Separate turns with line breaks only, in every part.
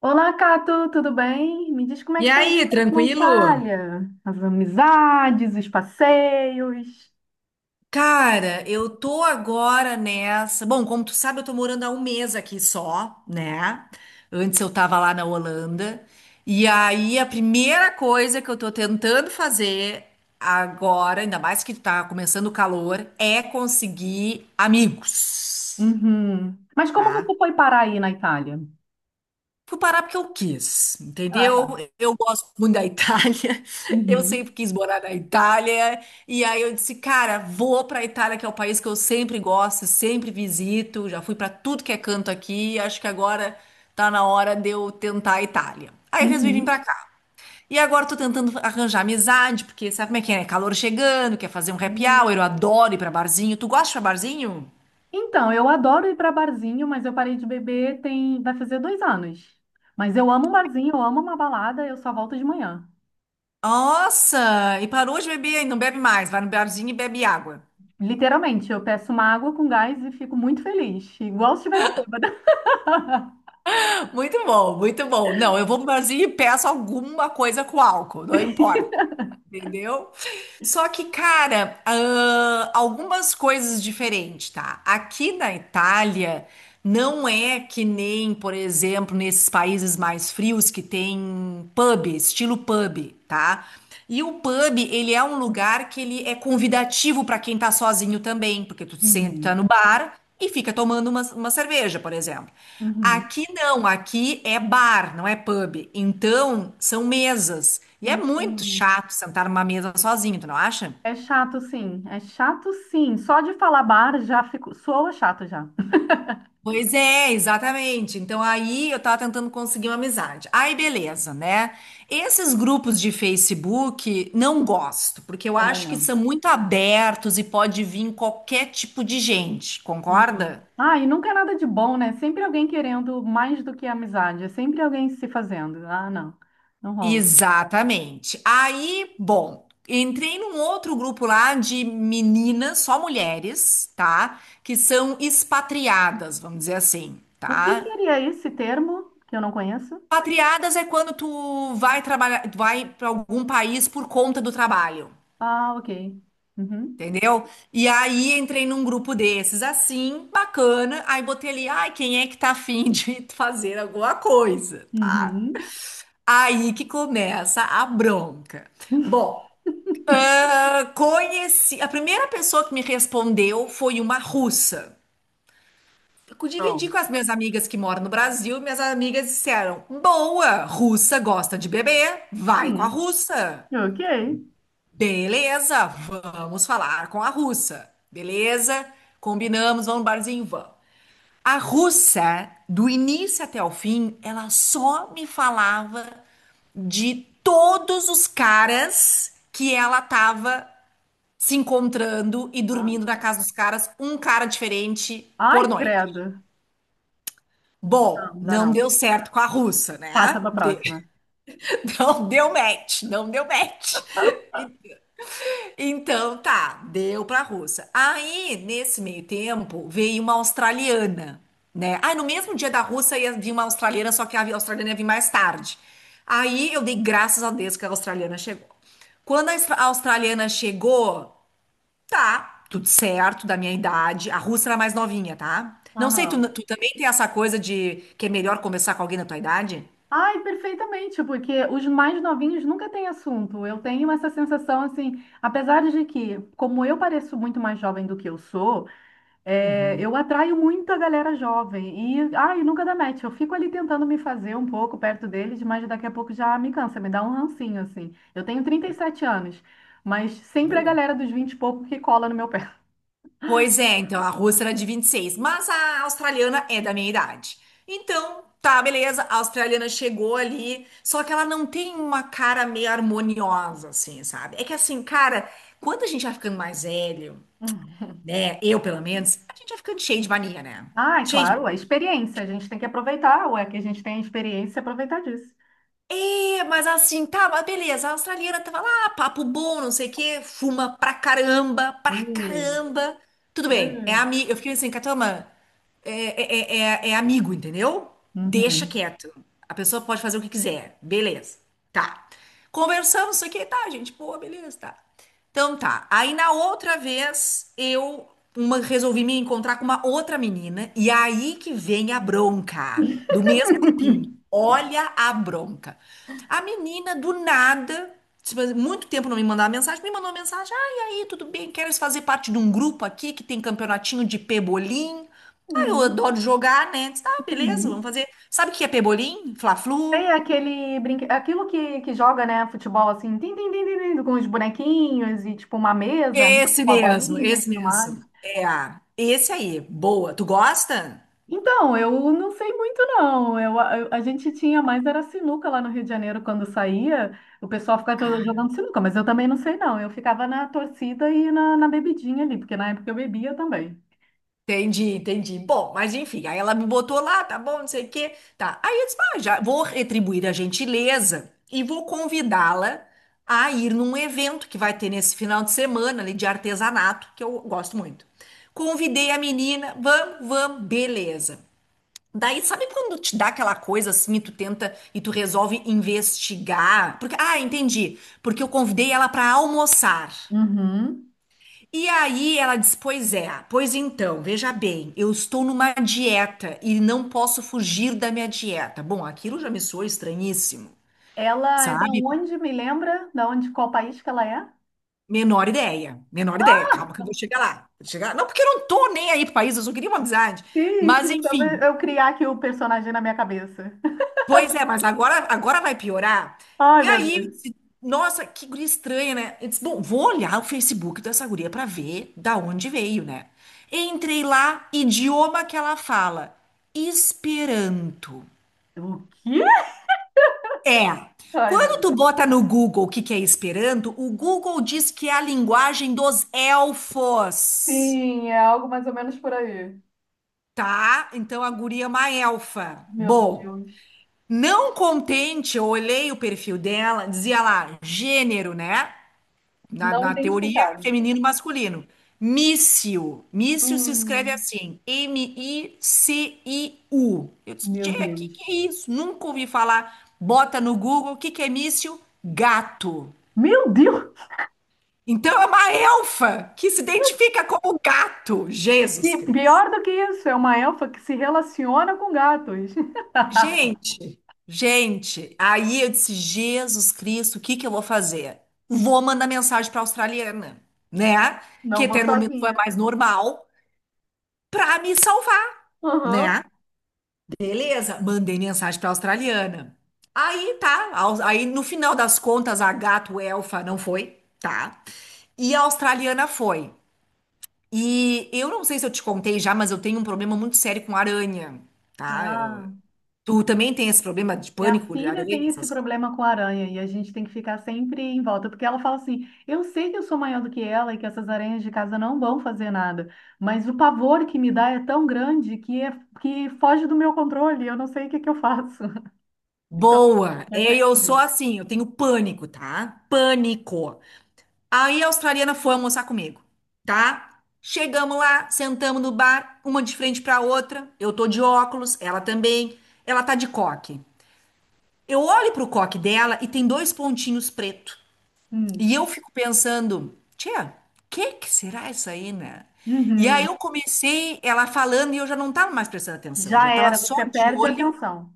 Olá, Cato, tudo bem? Me diz como é
E
que tá a
aí,
vida na
tranquilo?
Itália, as amizades, os passeios.
Cara, eu tô agora nessa. Bom, como tu sabe, eu tô morando há um mês aqui só, né? Antes eu tava lá na Holanda. E aí a primeira coisa que eu tô tentando fazer agora, ainda mais que tá começando o calor, é conseguir amigos,
Uhum. Mas como
tá?
você foi parar aí na Itália?
Fui parar porque eu quis,
Ah,
entendeu?
tá.
Eu gosto muito da Itália, eu
Uhum.
sempre quis morar na Itália, e aí eu disse, cara, vou pra Itália, que é o país que eu sempre gosto, sempre visito, já fui pra tudo que é canto aqui, acho que agora tá na hora de eu tentar a Itália. Aí eu resolvi vir pra
Uhum.
cá. E agora eu tô tentando arranjar amizade, porque sabe como é que é, né? Calor chegando, quer fazer um happy
E-
hour, eu adoro ir pra barzinho. Tu gosta de ir pra barzinho?
Então, eu adoro ir para barzinho, mas eu parei de beber tem vai fazer 2 anos. Mas eu amo um barzinho, eu amo uma balada, eu só volto de manhã.
Nossa, e parou de beber, não bebe mais, vai no barzinho e bebe água.
Literalmente, eu peço uma água com gás e fico muito feliz, igual se estivesse bêbada.
Muito bom, muito bom. Não, eu vou pro barzinho e peço alguma coisa com álcool, não importa, entendeu? Só que, cara, algumas coisas diferentes, tá? Aqui na Itália, não é que nem, por exemplo, nesses países mais frios que tem pub, estilo pub, tá? E o pub, ele é um lugar que ele é convidativo para quem tá sozinho também, porque tu senta
Uhum.
no bar e fica tomando uma cerveja, por exemplo.
Uhum.
Aqui não, aqui é bar, não é pub. Então, são mesas. E é muito
Uhum.
chato sentar numa mesa sozinho, tu não acha?
É chato, sim. É chato, sim. Só de falar bar já fico, soa chato já.
Pois é, exatamente. Então aí eu tava tentando conseguir uma amizade. Aí beleza, né? Esses grupos de Facebook não gosto, porque eu
Também
acho que
não.
são muito abertos e pode vir qualquer tipo de gente,
Uhum.
concorda?
Ah, e nunca é nada de bom, né? Sempre alguém querendo mais do que amizade. É sempre alguém se fazendo. Ah, não. Não rola.
Exatamente. Aí, bom, entrei num outro grupo lá de meninas, só mulheres, tá? Que são expatriadas, vamos dizer assim,
O que
tá?
seria esse termo que eu não conheço?
Expatriadas é quando tu vai trabalhar, vai para algum país por conta do trabalho,
Ah, ok. Uhum.
entendeu? E aí entrei num grupo desses, assim, bacana. Aí botei ali, ai, quem é que tá afim de fazer alguma coisa, tá?
Uhum.
Aí que começa a bronca. Bom. Ah, conheci. A primeira pessoa que me respondeu foi uma russa. Eu dividi
Pronto.
com as minhas amigas que moram no Brasil, e minhas amigas disseram: Boa, russa gosta de beber, vai com a
Uhum.
russa.
Ok.
Beleza, vamos falar com a russa. Beleza, combinamos, vamos no barzinho, vamos. A russa, do início até o fim, ela só me falava de todos os caras que ela tava se encontrando e
Ah.
dormindo na casa dos caras, um cara diferente por
Ai,
noite.
credo. Não,
Bom,
não dá
não
não.
deu certo com a russa,
Passa
né?
para a próxima.
Não deu match, não deu match. Então tá, deu pra russa. Aí, nesse meio tempo, veio uma australiana, né? Ah, no mesmo dia da russa ia vir uma australiana, só que a australiana ia vir mais tarde. Aí eu dei graças a Deus que a australiana chegou. Quando a a australiana chegou, tá, tudo certo, da minha idade. A Russa era mais novinha, tá? Não sei, tu,
Aham.
tu também tem essa coisa de que é melhor conversar com alguém da tua idade?
Ai, perfeitamente, porque os mais novinhos nunca têm assunto. Eu tenho essa sensação, assim, apesar de que, como eu pareço muito mais jovem do que eu sou, é, eu atraio muito a galera jovem. E, ai, nunca dá match. Eu fico ali tentando me fazer um pouco perto deles, mas daqui a pouco já me cansa, me dá um rancinho, assim. Eu tenho 37 anos, mas sempre a
Boa.
galera dos 20 e pouco que cola no meu pé.
Pois é, então a Russa era de 26 mas a australiana é da minha idade. Então, tá, beleza, a australiana chegou ali, só que ela não tem uma cara meio harmoniosa, assim, sabe? É que assim, cara, quando a gente vai ficando mais velho,
Hum.
né? Eu, pelo menos, a gente vai ficando cheio de mania, né?
Ai,
Cheio de
claro, a
mania.
experiência. A gente tem que aproveitar, ué, que a gente tem a experiência e aproveitar disso.
É, mas assim, tá, mas beleza, a australiana tava lá, papo bom, não sei o quê, fuma pra caramba, pra
Hum,
caramba. Tudo bem, é
hum.
amigo. Eu fiquei assim, Catama, é, é, é amigo, entendeu? Deixa
Uhum.
quieto. A pessoa pode fazer o que quiser, beleza, tá. Conversamos, não sei o quê, tá, gente, pô, beleza, tá. Então tá. Aí na outra vez eu resolvi me encontrar com uma outra menina e aí que vem a bronca do mesmo grupinho. Olha a bronca. A menina do nada, tipo, muito tempo não me mandava mensagem, me mandou uma mensagem: "Ah, e aí, tudo bem? Queres fazer parte de um grupo aqui que tem campeonatinho de pebolim?" Ah, eu
Hum,
adoro jogar, né? Disse, ah, beleza, vamos
uhum.
fazer. Sabe o que é pebolim? Fla-flu,
Tem aquele aquilo que joga, né, futebol assim, tim, tim, tim, tim, tim, com os bonequinhos e tipo uma mesa, né,
esse
com a
mesmo,
bolinha e
esse
tudo mais.
mesmo. É, esse aí, boa. Tu gosta?
Então, eu não sei muito não. A gente tinha mais era sinuca lá no Rio de Janeiro quando saía. O pessoal ficava todo
Ah,
jogando sinuca, mas eu também não sei não. Eu ficava na torcida e na bebidinha ali, porque na época eu bebia também.
entendi, entendi. Bom, mas enfim, aí ela me botou lá, tá bom, não sei o quê. Tá. Aí eu disse, ah, já vou retribuir a gentileza e vou convidá-la a ir num evento que vai ter nesse final de semana ali de artesanato, que eu gosto muito. Convidei a menina, vamos, vamos, beleza. Daí, sabe quando te dá aquela coisa assim e tu tenta e tu resolve investigar? Porque, ah, entendi. Porque eu convidei ela para almoçar.
Uhum.
E aí ela diz: Pois é, pois então, veja bem, eu estou numa dieta e não posso fugir da minha dieta. Bom, aquilo já me soa estranhíssimo,
Ela é da
sabe?
onde, me lembra? Da onde, qual país que ela é?
Menor ideia, menor ideia. Calma que eu vou chegar lá. Vou chegar... Não, porque eu não tô nem aí pro país, eu só queria uma amizade.
Sim,
Mas
sim, só
enfim.
pra eu criar aqui o personagem na minha cabeça.
Pois é, mas agora, agora vai piorar.
Ai,
E
meu
aí, eu
Deus.
disse, nossa, que guria estranha, né? Eu disse, bom, vou olhar o Facebook dessa guria pra ver da onde veio, né? Entrei lá, idioma que ela fala, Esperanto.
O quê?
É.
Ai, meu
Quando tu
Deus.
bota no Google o que que é Esperanto, o Google diz que é a linguagem dos elfos,
Sim, é algo mais ou menos por aí.
tá? Então a guria é uma elfa.
Meu
Bom,
Deus.
não contente, eu olhei o perfil dela, dizia lá, gênero, né? Na,
Não
na teoria,
identificado.
feminino e masculino. Mício. Mício se escreve
Hum,
assim: M-I-C-I-U. Eu disse,
meu
tchê, que
Deus.
é isso? Nunca ouvi falar. Bota no Google, o que que é mício? Gato.
Meu Deus!
Então é uma elfa que se identifica como gato. Jesus
E
Cristo.
pior do que isso, é uma elfa que se relaciona com gatos.
Gente, gente, aí eu disse, Jesus Cristo, o que que eu vou fazer? Vou mandar mensagem para a australiana, né? Que
Não
até
vou
no momento foi a
sozinha.
mais normal. Pra me salvar, né?
Aham.
Beleza, mandei mensagem pra australiana. Aí tá, aí no final das contas a gato elfa não foi, tá? E a australiana foi. E eu não sei se eu te contei já, mas eu tenho um problema muito sério com aranha, tá?
Ah.
Tu também tem esse problema de
Minha
pânico de
filha
aranha,
tem esse
essas coisas?
problema com aranha e a gente tem que ficar sempre em volta, porque ela fala assim: eu sei que eu sou maior do que ela e que essas aranhas de casa não vão fazer nada, mas o pavor que me dá é tão grande que foge do meu controle, eu não sei o que que eu faço. Então,
Boa,
vai
é,
ter
eu sou
comigo.
assim, eu tenho pânico, tá? Pânico. Aí a australiana foi almoçar comigo, tá? Chegamos lá, sentamos no bar, uma de frente pra outra. Eu tô de óculos, ela também. Ela tá de coque. Eu olho pro coque dela e tem dois pontinhos preto. E
Hum.
eu fico pensando, tia, que será isso aí, né? E aí
Uhum.
eu comecei ela falando e eu já não tava mais prestando atenção, eu
Já
já tava
era,
só
você
de
perde a
olho,
atenção.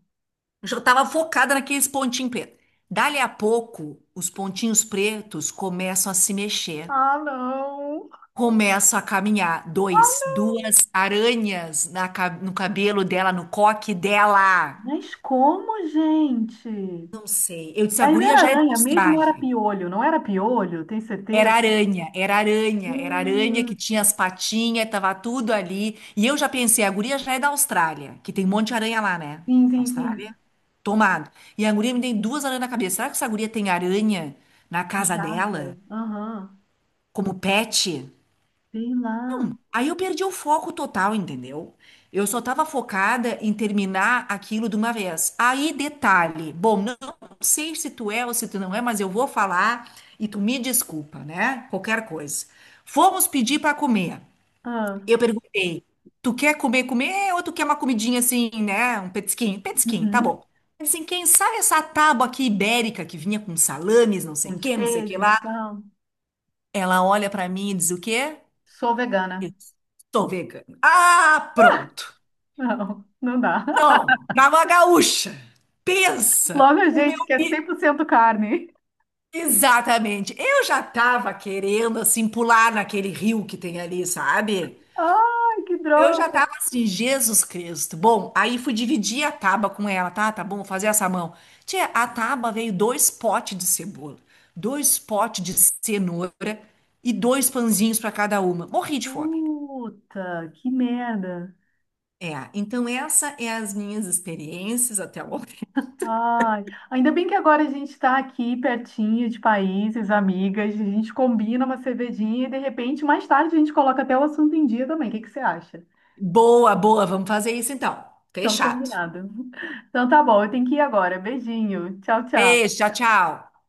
já tava focada naqueles pontinhos pretos. Dali a pouco, os pontinhos pretos começam a se mexer.
Ah, não.
Começo a caminhar. Dois, duas aranhas na no cabelo dela, no coque dela.
Mas como, gente?
Não sei. Eu disse, a
Mas
guria
era
já é da
aranha mesmo ou era
Austrália.
piolho? Não era piolho? Tem
Era
certeza?
aranha, era aranha, era aranha que tinha
Hum.
as patinhas, tava tudo ali. E eu já pensei, a guria já é da Austrália, que tem um monte de aranha lá, né?
Sim, sim,
Austrália?
sim.
Tomado. E a guria me tem duas aranhas na cabeça. Será que essa guria tem aranha na
Em
casa
casa.
dela?
Aham.
Como pet?
Sei lá.
Aí eu perdi o foco total, entendeu? Eu só tava focada em terminar aquilo de uma vez. Aí, detalhe. Bom, não sei se tu é ou se tu não é, mas eu vou falar e tu me desculpa, né? Qualquer coisa. Fomos pedir para comer.
Ah,
Eu perguntei: tu quer comer, comer ou tu quer uma comidinha assim, né? Um petisquinho? Petisquinho, tá
uhum.
bom. Assim, quem sabe essa tábua aqui ibérica que vinha com salames, não sei o
Uns
que, não sei o que lá.
queijos, tal.
Ela olha para mim e diz o quê?
Sou vegana.
Eu sou vegana. Ah, pronto.
Não, não dá.
Não, pra uma gaúcha. Pensa
Logo a
o meu.
gente que é 100% carne.
Exatamente. Eu já tava querendo, assim, pular naquele rio que tem ali, sabe?
Ai, que
Eu
droga.
já tava assim, Jesus Cristo. Bom, aí fui dividir a tábua com ela, tá? Tá bom, vou fazer essa mão. Tia, a tábua veio dois potes de cebola, dois potes de cenoura e dois pãezinhos para cada uma. Morri de fome.
Puta, que merda.
É, então essa é as minhas experiências até o momento.
Ai, ainda bem que agora a gente está aqui pertinho de países, amigas, a gente combina uma cervejinha e de repente mais tarde a gente coloca até o assunto em dia também. O que que você acha?
Boa, boa, vamos fazer isso então.
Então,
Fechado.
combinado. Então, tá bom, eu tenho que ir agora. Beijinho. Tchau, tchau.
Beijo, tchau, tchau.